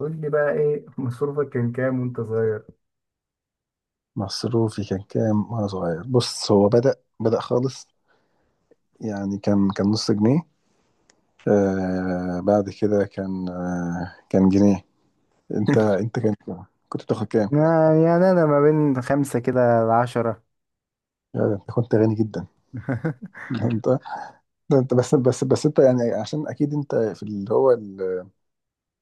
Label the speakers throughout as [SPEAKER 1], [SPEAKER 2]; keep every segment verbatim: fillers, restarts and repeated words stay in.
[SPEAKER 1] قول لي بقى ايه مصروفك كان كام وانت صغير؟
[SPEAKER 2] مصروفي كان كام وانا صغير. بص، هو بدأ بدأ خالص، يعني كان كان نص جنيه. آه، بعد كده كان، آه كان جنيه. انت انت كان كنت بتاخد كام؟
[SPEAKER 1] يعني يعني انا ما بين خمسة كده لعشرة.
[SPEAKER 2] يا ده انت كنت غني جدا. انت، ده انت بس بس بس انت، يعني عشان اكيد انت في اللي هو ال...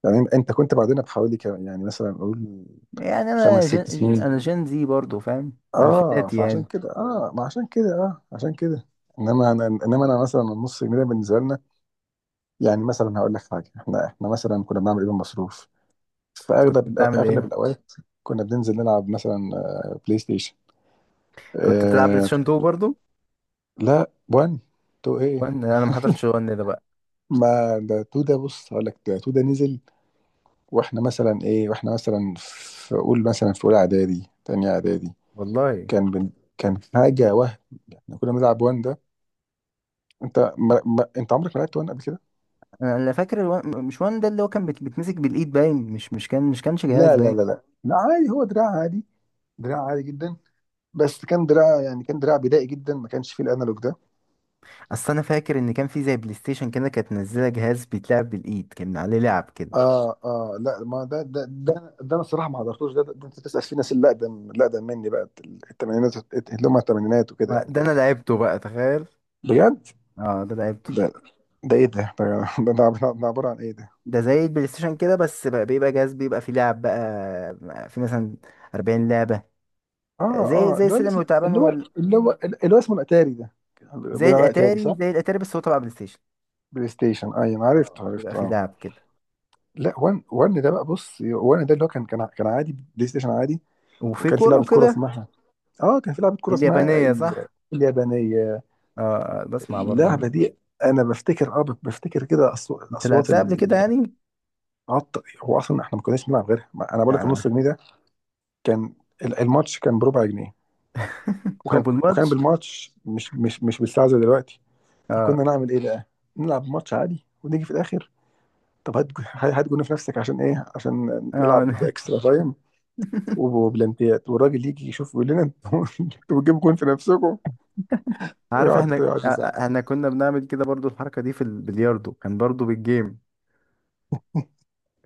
[SPEAKER 2] يعني انت كنت بعدنا بحوالي كام، يعني مثلا اقول
[SPEAKER 1] يعني
[SPEAKER 2] خمس
[SPEAKER 1] انا
[SPEAKER 2] ست
[SPEAKER 1] جن...
[SPEAKER 2] سنين
[SPEAKER 1] انا جن زي برضو، فاهم
[SPEAKER 2] اه،
[SPEAKER 1] الفيناتي
[SPEAKER 2] فعشان
[SPEAKER 1] يعني.
[SPEAKER 2] كده اه ما عشان كده اه عشان كده انما انا انما انا مثلا، النص جنيه ده بالنسبه لنا يعني، مثلا هقول لك حاجه، احنا احنا مثلا كنا بنعمل ايه بالمصروف في
[SPEAKER 1] كنت
[SPEAKER 2] اغلب الأو...
[SPEAKER 1] بتعمل
[SPEAKER 2] اغلب
[SPEAKER 1] ايه؟
[SPEAKER 2] الاوقات؟ كنا بننزل نلعب مثلا آه، بلاي ستيشن
[SPEAKER 1] كنت بتلعب بلاي
[SPEAKER 2] آه...
[SPEAKER 1] ستيشن اتنين برضو؟
[SPEAKER 2] لا، واحد، اتنين ايه
[SPEAKER 1] وان انا ما حضرتش وان ده بقى.
[SPEAKER 2] ما ده تو، ده بص، هقول لك ده تو ده نزل. واحنا مثلا ايه واحنا مثلا في، قول مثلا في اولى اعدادي، تانية اعدادي
[SPEAKER 1] والله
[SPEAKER 2] كان بن... كان حاجه وهم. احنا كنا بنلعب وان ده. انت ما... ما... انت عمرك ما لعبت وان قبل كده؟
[SPEAKER 1] انا اللي فاكر الوان... مش وان ده، اللي هو كان بت... بتمسك بالايد، باين مش مش كان مش كانش جهاز
[SPEAKER 2] لا لا
[SPEAKER 1] باين.
[SPEAKER 2] لا لا لا، عادي، هو دراع عادي، دراع عادي جدا، بس كان دراع، يعني كان دراع بدائي جدا، ما كانش فيه الانالوج ده.
[SPEAKER 1] اصل انا فاكر ان كان في زي بلاي ستيشن كده، كانت منزله جهاز بيتلعب بالايد كان عليه لعب كده.
[SPEAKER 2] اه اه لا، ما ده ده ده, ده انا الصراحه ما حضرتوش ده, ده, ده انت تسال في ناس اللي اقدم اللي اقدم مني بقى، الثمانينات، اللي هم الثمانينات وكده
[SPEAKER 1] ما-
[SPEAKER 2] يعني.
[SPEAKER 1] ده انا لعبته بقى، تخيل.
[SPEAKER 2] بجد؟
[SPEAKER 1] اه ده لعبته.
[SPEAKER 2] ده، ده ايه ده؟ ده ده, ده, ده, ده عباره عن ايه؟ ده
[SPEAKER 1] ده زي البلاي ستيشن كده، بس بقى بيبقى جهاز بيبقى فيه لعب بقى، في مثلا 40 لعبة،
[SPEAKER 2] اه
[SPEAKER 1] زي
[SPEAKER 2] اه،
[SPEAKER 1] زي
[SPEAKER 2] اللي هو
[SPEAKER 1] السلم
[SPEAKER 2] الاسم،
[SPEAKER 1] والتعبان
[SPEAKER 2] اللي هو
[SPEAKER 1] وال...
[SPEAKER 2] اللي هو اللي هو اسمه الاتاري ده،
[SPEAKER 1] زي
[SPEAKER 2] بناء على اتاري،
[SPEAKER 1] الاتاري،
[SPEAKER 2] صح؟
[SPEAKER 1] زي الاتاري، بس هو تبع بلاي ستيشن.
[SPEAKER 2] بلاي ستيشن، ايوه، أنا عرفته،
[SPEAKER 1] اه بيبقى
[SPEAKER 2] عرفته
[SPEAKER 1] فيه
[SPEAKER 2] اه.
[SPEAKER 1] لعب كده،
[SPEAKER 2] لا، وان وان ده بقى، بص، وان ده اللي هو كان كان كان عادي، بلاي ستيشن عادي.
[SPEAKER 1] وفي
[SPEAKER 2] وكان في
[SPEAKER 1] كورة
[SPEAKER 2] لعبه كوره
[SPEAKER 1] وكده.
[SPEAKER 2] اسمها، اه كان في لعبه كوره اسمها
[SPEAKER 1] اليابانية
[SPEAKER 2] ال-
[SPEAKER 1] صح؟
[SPEAKER 2] اليابانيه.
[SPEAKER 1] اه. آه، بسمع برضه أنا.
[SPEAKER 2] اللعبه دي انا بفتكر، اه بفتكر كده أصو-
[SPEAKER 1] انت
[SPEAKER 2] اصوات.
[SPEAKER 1] لعبتها قبل كده يعني؟
[SPEAKER 2] العط، هو اصلا احنا ما كناش بنلعب غيرها. ما- انا بقول لك النص
[SPEAKER 1] اه.
[SPEAKER 2] جنيه ده كان، ال- الماتش كان بربع جنيه،
[SPEAKER 1] او
[SPEAKER 2] وكان وكان
[SPEAKER 1] بالماتش.
[SPEAKER 2] بالماتش، مش مش مش بالساعه زي دلوقتي.
[SPEAKER 1] اه.
[SPEAKER 2] فكنا نعمل ايه بقى؟ نلعب ماتش عادي، ونيجي في الاخر طب هات جو- هات جون في نفسك عشان ايه؟ عشان نلعب
[SPEAKER 1] اه
[SPEAKER 2] اكسترا تايم وبلانتيات. والراجل يجي يشوف يقول لنا، انتوا انتوا بتجيبوا جون في نفسكم؟
[SPEAKER 1] عارف
[SPEAKER 2] ويقعد
[SPEAKER 1] احنا. آه،
[SPEAKER 2] يقعد
[SPEAKER 1] آه، احنا كنا بنعمل كده برضه، الحركة دي في البلياردو كان برضه بالجيم،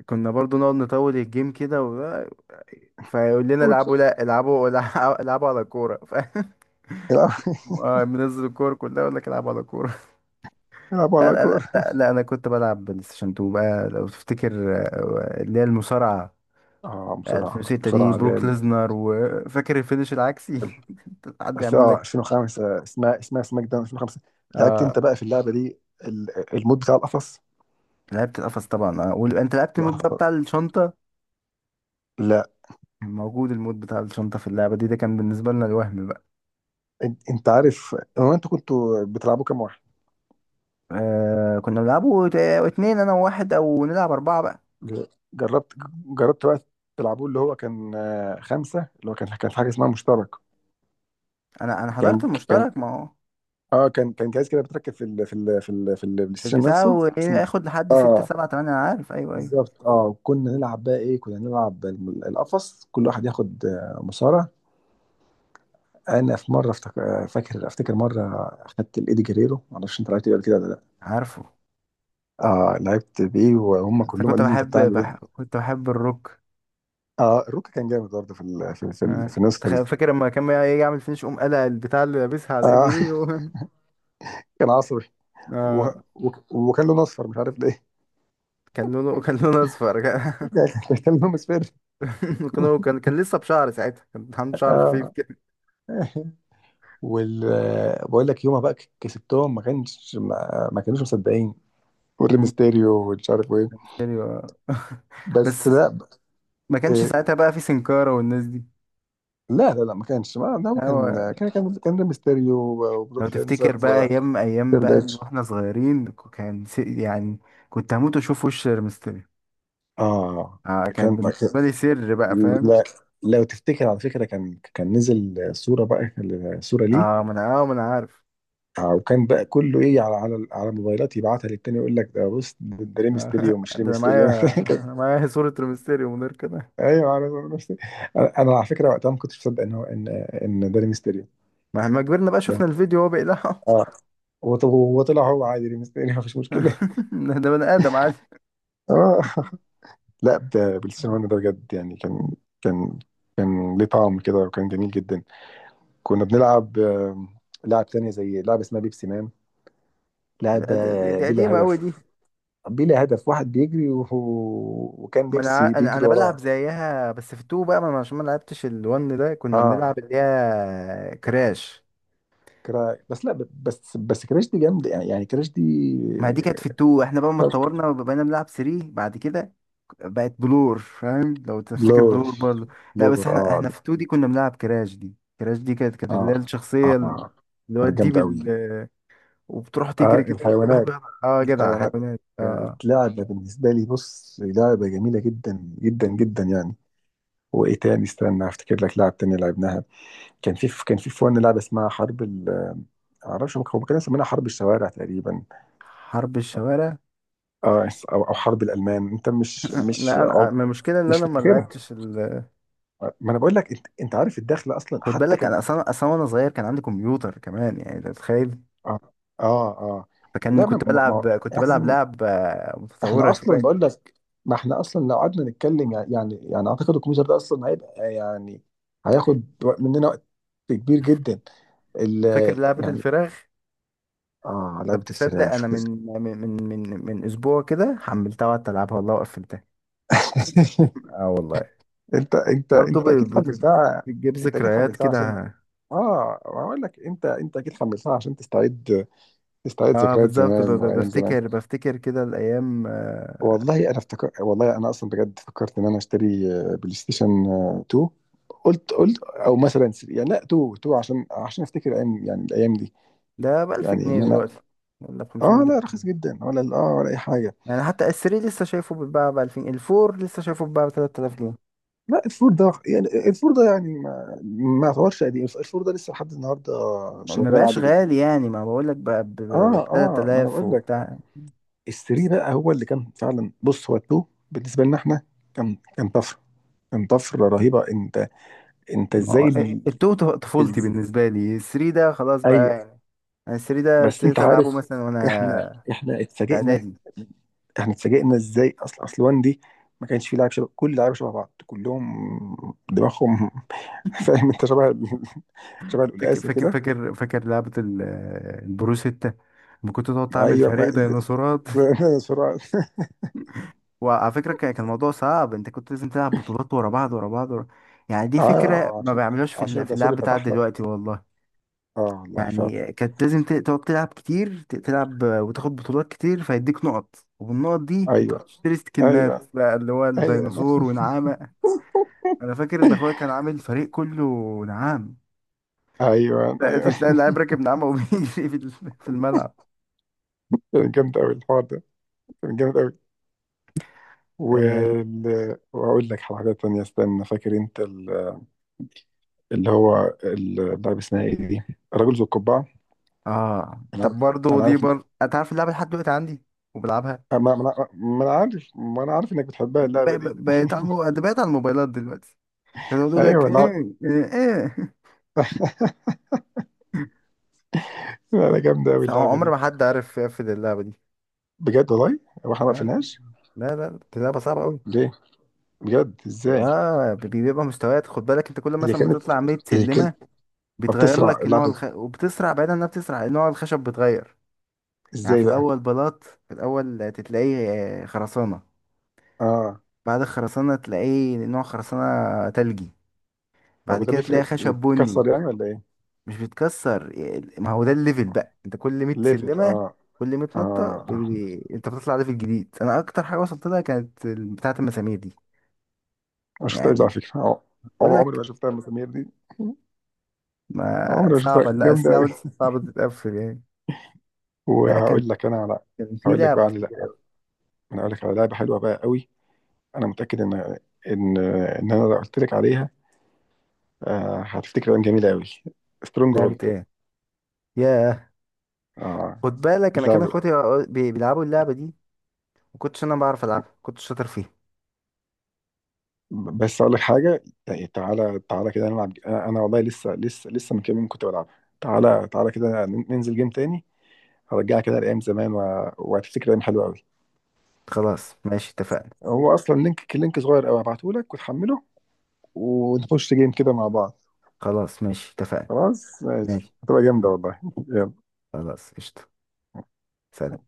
[SPEAKER 1] كنا برضه نقعد نطول الجيم كده. فيقول لنا العبوا،
[SPEAKER 2] يزعق.
[SPEAKER 1] لا العبوا الع- العبوا على كورة ف... آه، منزل الكورة كلها يقول لك العبوا على كورة.
[SPEAKER 2] يلعبوا على
[SPEAKER 1] لا أنا،
[SPEAKER 2] كورة.
[SPEAKER 1] لا لا، أنا كنت بلعب بلاي ستيشن اتنين بقى لو تفتكر، آه، اللي هي المصارعة
[SPEAKER 2] اه بسرعة
[SPEAKER 1] الفين وستة دي،
[SPEAKER 2] بسرعة، اللي
[SPEAKER 1] بروك
[SPEAKER 2] هي
[SPEAKER 1] بصراحة
[SPEAKER 2] ال-
[SPEAKER 1] ليزنر، وفاكر الفينش العكسي.
[SPEAKER 2] ال-
[SPEAKER 1] حد
[SPEAKER 2] بس
[SPEAKER 1] يعمل
[SPEAKER 2] اه،
[SPEAKER 1] لك.
[SPEAKER 2] ألفين وخمسة، اسمها اسمها سماك داون ألفين وخمسة. لعبت
[SPEAKER 1] آه
[SPEAKER 2] انت بقى في اللعبة دي، ال- المود بتاع القفص؟
[SPEAKER 1] لعبت القفص طبعا، آه، وال- انت لعبت المود بقى
[SPEAKER 2] القفص
[SPEAKER 1] بتاع الشنطة.
[SPEAKER 2] لا.
[SPEAKER 1] موجود المود بتاع الشنطة في اللعبة دي، ده كان بالنسبة لنا الوهم بقى.
[SPEAKER 2] انت أنت عارف هو انتوا كنتوا بتلعبوا كام واحد؟
[SPEAKER 1] آه كنا بنلعبه ت- اتنين انا وواحد، او نلعب اربعة بقى.
[SPEAKER 2] ج- جربت جربت بقى، تلعبوه اللي هو كان آه، خمسة، اللي هو كان كان في حاجة اسمها مشترك.
[SPEAKER 1] انا انا حضرت
[SPEAKER 2] كان كان
[SPEAKER 1] المشترك، ما هو
[SPEAKER 2] اه كان كان جهاز كده بتركب في ال في ال في ال في البلاي ستيشن
[SPEAKER 1] البتاع
[SPEAKER 2] نفسه
[SPEAKER 1] وايه
[SPEAKER 2] اسمه،
[SPEAKER 1] اخد لحد ستة
[SPEAKER 2] اه
[SPEAKER 1] سبعة تمانية، انا عارف، ايوه ايوه.
[SPEAKER 2] بالظبط اه. كنا نلعب بقى ايه، كنا نلعب ال- القفص، كل واحد ياخد آه، مصارع. انا في مره افتك- آه، فاكر افتكر مره اخدت الايدي جريرو، معرفش انت لعبت بيه قبل كده ولا لا.
[SPEAKER 1] عارفه.
[SPEAKER 2] اه لعبت بيه، وهم
[SPEAKER 1] انا
[SPEAKER 2] كلهم
[SPEAKER 1] كنت
[SPEAKER 2] قالوا لي انت
[SPEAKER 1] بحب
[SPEAKER 2] بتعمل
[SPEAKER 1] بح...
[SPEAKER 2] ايه.
[SPEAKER 1] كنت بحب الروك.
[SPEAKER 2] اه، الروكا كان جامد برضه في ال- في في, ال-
[SPEAKER 1] آه،
[SPEAKER 2] في النسخه
[SPEAKER 1] تخ-
[SPEAKER 2] دي.
[SPEAKER 1] فاكر لما كان بقى يجي يعمل فينش، قوم قلع البتاع اللي لابسها على ايده
[SPEAKER 2] اه
[SPEAKER 1] دي و...
[SPEAKER 2] كان عصبي، و...
[SPEAKER 1] آه
[SPEAKER 2] و... وكان لون اصفر، مش عارف ليه.
[SPEAKER 1] كان لونه كان لونه اصفر. كان
[SPEAKER 2] كان لون اصفر
[SPEAKER 1] كان كان كان لسه بشعر ساعتها، كان عنده شعر خفيف
[SPEAKER 2] اه،
[SPEAKER 1] كده.
[SPEAKER 2] وال بقول لك يومها بقى كسبتهم، ما كانش ما, ما كانوش مصدقين،
[SPEAKER 1] مم.
[SPEAKER 2] والريمستيريو ومش عارف ايه.
[SPEAKER 1] ايوه.
[SPEAKER 2] بس
[SPEAKER 1] بس.
[SPEAKER 2] لا،
[SPEAKER 1] ما كانش
[SPEAKER 2] إيه،
[SPEAKER 1] ساعتها بقى في سنكارة والناس دي.
[SPEAKER 2] لا لا لا، ما كانش ما ده هو
[SPEAKER 1] هو
[SPEAKER 2] كان، كان كان كان ده ميستيريو،
[SPEAKER 1] لو
[SPEAKER 2] وبروك
[SPEAKER 1] تفتكر
[SPEAKER 2] لينزر،
[SPEAKER 1] بقى ايام، ايام
[SPEAKER 2] وتريبل
[SPEAKER 1] بقى اللي
[SPEAKER 2] اتش.
[SPEAKER 1] واحنا صغيرين، كان س- يعني كنت هموت واشوف وش ريمستر.
[SPEAKER 2] اه
[SPEAKER 1] آه كانت
[SPEAKER 2] كان، ما كان،
[SPEAKER 1] بالنسبة لي سر بقى، فاهم.
[SPEAKER 2] لا، لو تفتكر على فكره، كان كان نزل صوره بقى، صوره ليه.
[SPEAKER 1] اه ما انا اه ما انا عارف.
[SPEAKER 2] آه، وكان بقى كله ايه، على على على موبايلات يبعتها للتاني يقول لك ده، بص ده ده ليه
[SPEAKER 1] آه
[SPEAKER 2] ميستيريو مش ليه
[SPEAKER 1] ده انا
[SPEAKER 2] ميستيريو.
[SPEAKER 1] معايا، انا معايا صورة ريمستيريو من غير كده.
[SPEAKER 2] ايوه انا انا أنا على فكره وقتها ما كنتش مصدق ان هو ان ان ده ليه ميستيريو
[SPEAKER 1] مهما كبرنا بقى
[SPEAKER 2] ده.
[SPEAKER 1] شفنا الفيديو وهو بيقلعه.
[SPEAKER 2] اه وط- وطلع هو عادي ليه ميستيريو مفيش مشكله.
[SPEAKER 1] ده ده بني ادم عادي.
[SPEAKER 2] اه لا ب- بالسينما، ده بجد يعني كان كان كان ليه طعم كده، وكان جميل جدا. كنا بنلعب آه، لعب تانية زي لعبة اسمها بيبسي مان،
[SPEAKER 1] ده-
[SPEAKER 2] لعبة
[SPEAKER 1] ده- دي
[SPEAKER 2] بلا
[SPEAKER 1] قديمة قوي
[SPEAKER 2] هدف.
[SPEAKER 1] دي.
[SPEAKER 2] بلا هدف، واحد بيجري، وهو وكان
[SPEAKER 1] ما انا ع-
[SPEAKER 2] بيبسي
[SPEAKER 1] انا
[SPEAKER 2] بيجري
[SPEAKER 1] أنا بلعب
[SPEAKER 2] وراه.
[SPEAKER 1] زيها بس في التو بقى، ما أنا عشان ما لعبتش الون ده كنا
[SPEAKER 2] اه
[SPEAKER 1] بنلعب اللي هي كراش.
[SPEAKER 2] كرا... بس لا ب- بس بس كراش دي جامدة، يعني يعني كراش دي،
[SPEAKER 1] ما دي كانت في التو، احنا بقى ما اتطورنا وبقينا بنلعب تلاتة بعد كده. بقت بلور، فاهم لو تفتكر
[SPEAKER 2] لور،
[SPEAKER 1] بلور برضه. لا
[SPEAKER 2] لور
[SPEAKER 1] بس احنا
[SPEAKER 2] اه.
[SPEAKER 1] احنا في اتنين دي كنا بنلعب كراش دي، كراش دي كانت كانت اللي
[SPEAKER 2] اه
[SPEAKER 1] هي
[SPEAKER 2] اه
[SPEAKER 1] الشخصية،
[SPEAKER 2] آه،
[SPEAKER 1] اللي هو
[SPEAKER 2] كانت
[SPEAKER 1] الديب
[SPEAKER 2] جامدة قوي.
[SPEAKER 1] ال- وبتروح تجري
[SPEAKER 2] اه
[SPEAKER 1] كده، وكل واحد
[SPEAKER 2] الحيوانات،
[SPEAKER 1] بيعمل- اه جدع
[SPEAKER 2] الحيوانات،
[SPEAKER 1] حيوانات، اه.
[SPEAKER 2] كانت لعبة بالنسبة لي، بص، لعبة جميلة جدا جدا جدا يعني. وإيه تاني، استنى أفتكر لك لعب تاني لعبناها. كان في كان في فن لعبة اسمها حرب ال معرفش هم كانوا مسمينها حرب الشوارع تقريبا،
[SPEAKER 1] حرب الشوارع.
[SPEAKER 2] آه، أو أو حرب الألمان، أنت مش مش
[SPEAKER 1] لا
[SPEAKER 2] أو
[SPEAKER 1] لا، ما المشكلة اللي
[SPEAKER 2] مش
[SPEAKER 1] انا ما
[SPEAKER 2] فاكرها؟
[SPEAKER 1] لعبتش ال....
[SPEAKER 2] ما أنا بقول لك، أنت أنت عارف الدخلة أصلا
[SPEAKER 1] خد
[SPEAKER 2] حتى
[SPEAKER 1] بالك
[SPEAKER 2] كان
[SPEAKER 1] انا اصلا، اصلا وانا صغير كان عندي كمبيوتر كمان، يعني انت تتخيل.
[SPEAKER 2] آه آه, آه.
[SPEAKER 1] فكان
[SPEAKER 2] لا ما
[SPEAKER 1] كنت
[SPEAKER 2] ما
[SPEAKER 1] بلعب
[SPEAKER 2] ما-
[SPEAKER 1] كنت بلعب لعب آه،
[SPEAKER 2] احنا
[SPEAKER 1] متطورة
[SPEAKER 2] اصلا
[SPEAKER 1] شوية.
[SPEAKER 2] بقول لك، ما احنا اصلا لو قعدنا نتكلم يعني، يعني يعني اعتقد الكمبيوتر ده اصلا هيبقى يعني، هياخد وق- مننا وقت كبير جدا ال
[SPEAKER 1] فاكر لعبة
[SPEAKER 2] يعني.
[SPEAKER 1] الفراخ؟
[SPEAKER 2] اه
[SPEAKER 1] طب
[SPEAKER 2] لعبة
[SPEAKER 1] تصدق، انا
[SPEAKER 2] الفراخ
[SPEAKER 1] من من من من من اسبوع كده حملتها وقعدت العبها والله، وقفلتها. اه والله.
[SPEAKER 2] انت انت
[SPEAKER 1] برضه
[SPEAKER 2] انت
[SPEAKER 1] ب-
[SPEAKER 2] اكيد
[SPEAKER 1] بت-
[SPEAKER 2] حملتها.
[SPEAKER 1] بتجيب
[SPEAKER 2] انت اكيد
[SPEAKER 1] ذكريات
[SPEAKER 2] حملتها عشان
[SPEAKER 1] كده.
[SPEAKER 2] اه بقول لك، انت انت اكيد حملتها عشان تستعيد، تستعيد
[SPEAKER 1] اه
[SPEAKER 2] ذكريات
[SPEAKER 1] بالظبط، ب-
[SPEAKER 2] زمان،
[SPEAKER 1] ب-
[SPEAKER 2] وايام زمان.
[SPEAKER 1] بفتكر بفتكر كده الايام، آه،
[SPEAKER 2] والله انا افتكر، والله انا اصلا بجد فكرت ان انا اشتري آه، بلاي ستيشن آه، اتنين، قلت قلت او مثلا ثلاثة يعني، لا اتنين، اتنين، عشان عشان افتكر ايام، يعني الايام دي،
[SPEAKER 1] ده ب 1000
[SPEAKER 2] يعني
[SPEAKER 1] جنيه
[SPEAKER 2] ان انا.
[SPEAKER 1] دلوقتي، ولا ب 500
[SPEAKER 2] اه لا، رخيص
[SPEAKER 1] جنيه
[SPEAKER 2] جدا، ولا ال- اه ولا اي حاجه.
[SPEAKER 1] يعني حتى الثري لسه شايفه بيتباع ب الفين، الفور لسه شايفه بيتباع ب تلات الاف جنيه.
[SPEAKER 2] لا الفور ده يعني، الفور ده يعني، ما ما يعتبرش قديم. الفور ده لسه لحد النهارده
[SPEAKER 1] ما
[SPEAKER 2] شغال
[SPEAKER 1] بقاش
[SPEAKER 2] عادي جدا.
[SPEAKER 1] غالي يعني، ما بقول لك بقى ب ب- ب
[SPEAKER 2] اه اه ما انا
[SPEAKER 1] تلات الاف
[SPEAKER 2] بقول لك،
[SPEAKER 1] وبتاع.
[SPEAKER 2] الثري بقى هو اللي كان فعلا، بص، هو التو بالنسبه لنا احنا كان كان طفره، كان طفره رهيبه. انت انت
[SPEAKER 1] ما
[SPEAKER 2] ازاي
[SPEAKER 1] هو
[SPEAKER 2] ال...
[SPEAKER 1] التو، ط- طفولتي
[SPEAKER 2] إز...
[SPEAKER 1] بالنسبه لي، الثري ده خلاص بقى يعني. الثري ده
[SPEAKER 2] بس انت
[SPEAKER 1] ابتديت العبه
[SPEAKER 2] عارف،
[SPEAKER 1] مثلا
[SPEAKER 2] احنا
[SPEAKER 1] وانا
[SPEAKER 2] احنا
[SPEAKER 1] في
[SPEAKER 2] اتفاجئنا،
[SPEAKER 1] اعدادي.
[SPEAKER 2] احنا اتفاجئنا ازاي. اصل اصل وان دي ما كانش فيه لاعب شبه، كل اللعيبه شبه بعض، كلهم دماغهم فاهم، انت شبه ال- شبه
[SPEAKER 1] فاكر
[SPEAKER 2] القلقاسه
[SPEAKER 1] فاكر
[SPEAKER 2] كده.
[SPEAKER 1] فاكر فاكر لعبة ال- البرو ستة، لما كنت تقعد تعمل
[SPEAKER 2] ايوه
[SPEAKER 1] فريق
[SPEAKER 2] ما-
[SPEAKER 1] ديناصورات.
[SPEAKER 2] بسرعه.
[SPEAKER 1] وعلى فكرة كان كان الموضوع صعب، انت كنت لازم تلعب بطولات ورا بعض، ورا بعض، ورا.... يعني دي فكرة
[SPEAKER 2] اه
[SPEAKER 1] ما
[SPEAKER 2] عشان
[SPEAKER 1] بيعملوهاش في
[SPEAKER 2] عشان
[SPEAKER 1] الل- في اللعب
[SPEAKER 2] الرسول
[SPEAKER 1] بتاع
[SPEAKER 2] فتح لك.
[SPEAKER 1] دلوقتي والله.
[SPEAKER 2] اه والله فعلا.
[SPEAKER 1] يعني كانت لازم ت- تقعد تلعب كتير، ت- تلعب وتاخد بطولات كتير فيديك نقط، وبالنقط دي انت
[SPEAKER 2] ايوه
[SPEAKER 1] بتشتري سكنات
[SPEAKER 2] ايوه
[SPEAKER 1] بقى، اللي هو
[SPEAKER 2] ايوه
[SPEAKER 1] الديناصور ونعامة. انا فاكر ان اخويا كان عامل فريق كله نعام.
[SPEAKER 2] ايوه
[SPEAKER 1] تلاقي
[SPEAKER 2] ايوه.
[SPEAKER 1] تلاقي اللاعب راكب نعامة وبيجري في ال- في الملعب.
[SPEAKER 2] كان جامد قوي الحوار ده، كان جامد قوي
[SPEAKER 1] آه،
[SPEAKER 2] وال... واقول لك حاجه تانية. استنى، فاكر انت اللي هو اللعبة اسمها ايه دي، الرجل ذو القبعة؟
[SPEAKER 1] اه
[SPEAKER 2] انا عارف،
[SPEAKER 1] طب برضه
[SPEAKER 2] انا
[SPEAKER 1] دي
[SPEAKER 2] عارف.
[SPEAKER 1] بر انت عارف اللعبه لحد دلوقتي عندي، وبلعبها.
[SPEAKER 2] ما ما انا ما أنا عارف ما انا عارف انك بتحبها
[SPEAKER 1] ب-
[SPEAKER 2] اللعبة دي.
[SPEAKER 1] ب- بقيت على المو... ده بقيت على الموبايلات دلوقتي. كانوا بيقول لك
[SPEAKER 2] ايوه انا عارف.
[SPEAKER 1] ايه ايه ايه.
[SPEAKER 2] لا، لا، جامدة قوي
[SPEAKER 1] بس عم-
[SPEAKER 2] اللعبة
[SPEAKER 1] عمر
[SPEAKER 2] دي.
[SPEAKER 1] ما حد عارف يقفل اللعبه دي.
[SPEAKER 2] بجد والله. هو احنا ما
[SPEAKER 1] لا،
[SPEAKER 2] قفلناش
[SPEAKER 1] لا لا، دي لعبه صعبه قوي.
[SPEAKER 2] ليه؟ بجد، ازاي؟
[SPEAKER 1] اه بي- بي- بيبقى مستويات، خد بالك انت كل
[SPEAKER 2] اللي
[SPEAKER 1] مثلا ما
[SPEAKER 2] كانت
[SPEAKER 1] تطلع 100
[SPEAKER 2] اللي كانت
[SPEAKER 1] سلمه، بيتغير
[SPEAKER 2] بتسرع
[SPEAKER 1] لك نوع
[SPEAKER 2] اللعبة،
[SPEAKER 1] الخ... وبتسرع، بعيدا انها بتسرع، نوع الخشب بيتغير. يعني في
[SPEAKER 2] ازاي بقى؟
[SPEAKER 1] الاول بلاط، في الاول تلاقيه آه، خرسانه.
[SPEAKER 2] اه
[SPEAKER 1] بعد الخرسانه تلاقيه نوع خرسانه تلجي،
[SPEAKER 2] طب
[SPEAKER 1] بعد
[SPEAKER 2] وده
[SPEAKER 1] كده تلاقي
[SPEAKER 2] بيفرق،
[SPEAKER 1] خشب بني.
[SPEAKER 2] بتكسر يعني ولا ايه؟
[SPEAKER 1] مش بيتكسر، ما هو ده الليفل بقى، انت كل 100
[SPEAKER 2] ليفل،
[SPEAKER 1] سلمة،
[SPEAKER 2] اه
[SPEAKER 1] كل 100 نطة
[SPEAKER 2] اه
[SPEAKER 1] بي... بي- انت بتطلع ليفل جديد. انا اكتر حاجة وصلت لها كانت ال- بتاعة المسامير دي.
[SPEAKER 2] ما شفتهاش على
[SPEAKER 1] يعني
[SPEAKER 2] فكرة آه. عم-
[SPEAKER 1] بقول
[SPEAKER 2] عمري
[SPEAKER 1] لك،
[SPEAKER 2] ما شفتها المسامير دي،
[SPEAKER 1] ما
[SPEAKER 2] عمري ما
[SPEAKER 1] صعبة،
[SPEAKER 2] شفتها،
[SPEAKER 1] لا
[SPEAKER 2] جامدة
[SPEAKER 1] اسلحة
[SPEAKER 2] قوي.
[SPEAKER 1] دي صعبة تتقفل يعني. لا كان
[SPEAKER 2] وهقول لك انا على،
[SPEAKER 1] كان في
[SPEAKER 2] هقول لك بقى
[SPEAKER 1] لعبة.
[SPEAKER 2] على، انا اقول لك على لعبه حلوه بقى قوي، انا متاكد ان ان ان انا لو قلت لك عليها آه، هتفتكر ايام جميله قوي. سترونج
[SPEAKER 1] لعبة
[SPEAKER 2] هولد.
[SPEAKER 1] ايه؟ ياه.
[SPEAKER 2] اه
[SPEAKER 1] خد بالك انا كان
[SPEAKER 2] اللعبه،
[SPEAKER 1] اخواتي بي- بيلعبوا اللعبة دي، ما كنتش انا بعرف العبها، كنت شاطر فيها.
[SPEAKER 2] بس اقول لك حاجه يعني، تعالى تعالى كده نلعب انا أنا والله لسه، لسه لسه من كام يوم كنت بلعبها. تعالى تعالى كده ننزل جيم تاني، هرجعك كده لايام زمان، و- وهتفتكر ايام حلوه قوي.
[SPEAKER 1] خلاص ماشي اتفقنا.
[SPEAKER 2] هو اصلا لينك، لينك صغير قوي، هبعته لك وتحمله، ونخش جيم كده مع بعض.
[SPEAKER 1] خلاص ماشي اتفقنا.
[SPEAKER 2] خلاص ماشي،
[SPEAKER 1] ماشي.
[SPEAKER 2] هتبقى جامده والله. يلا.
[SPEAKER 1] خلاص قشطة. سلام.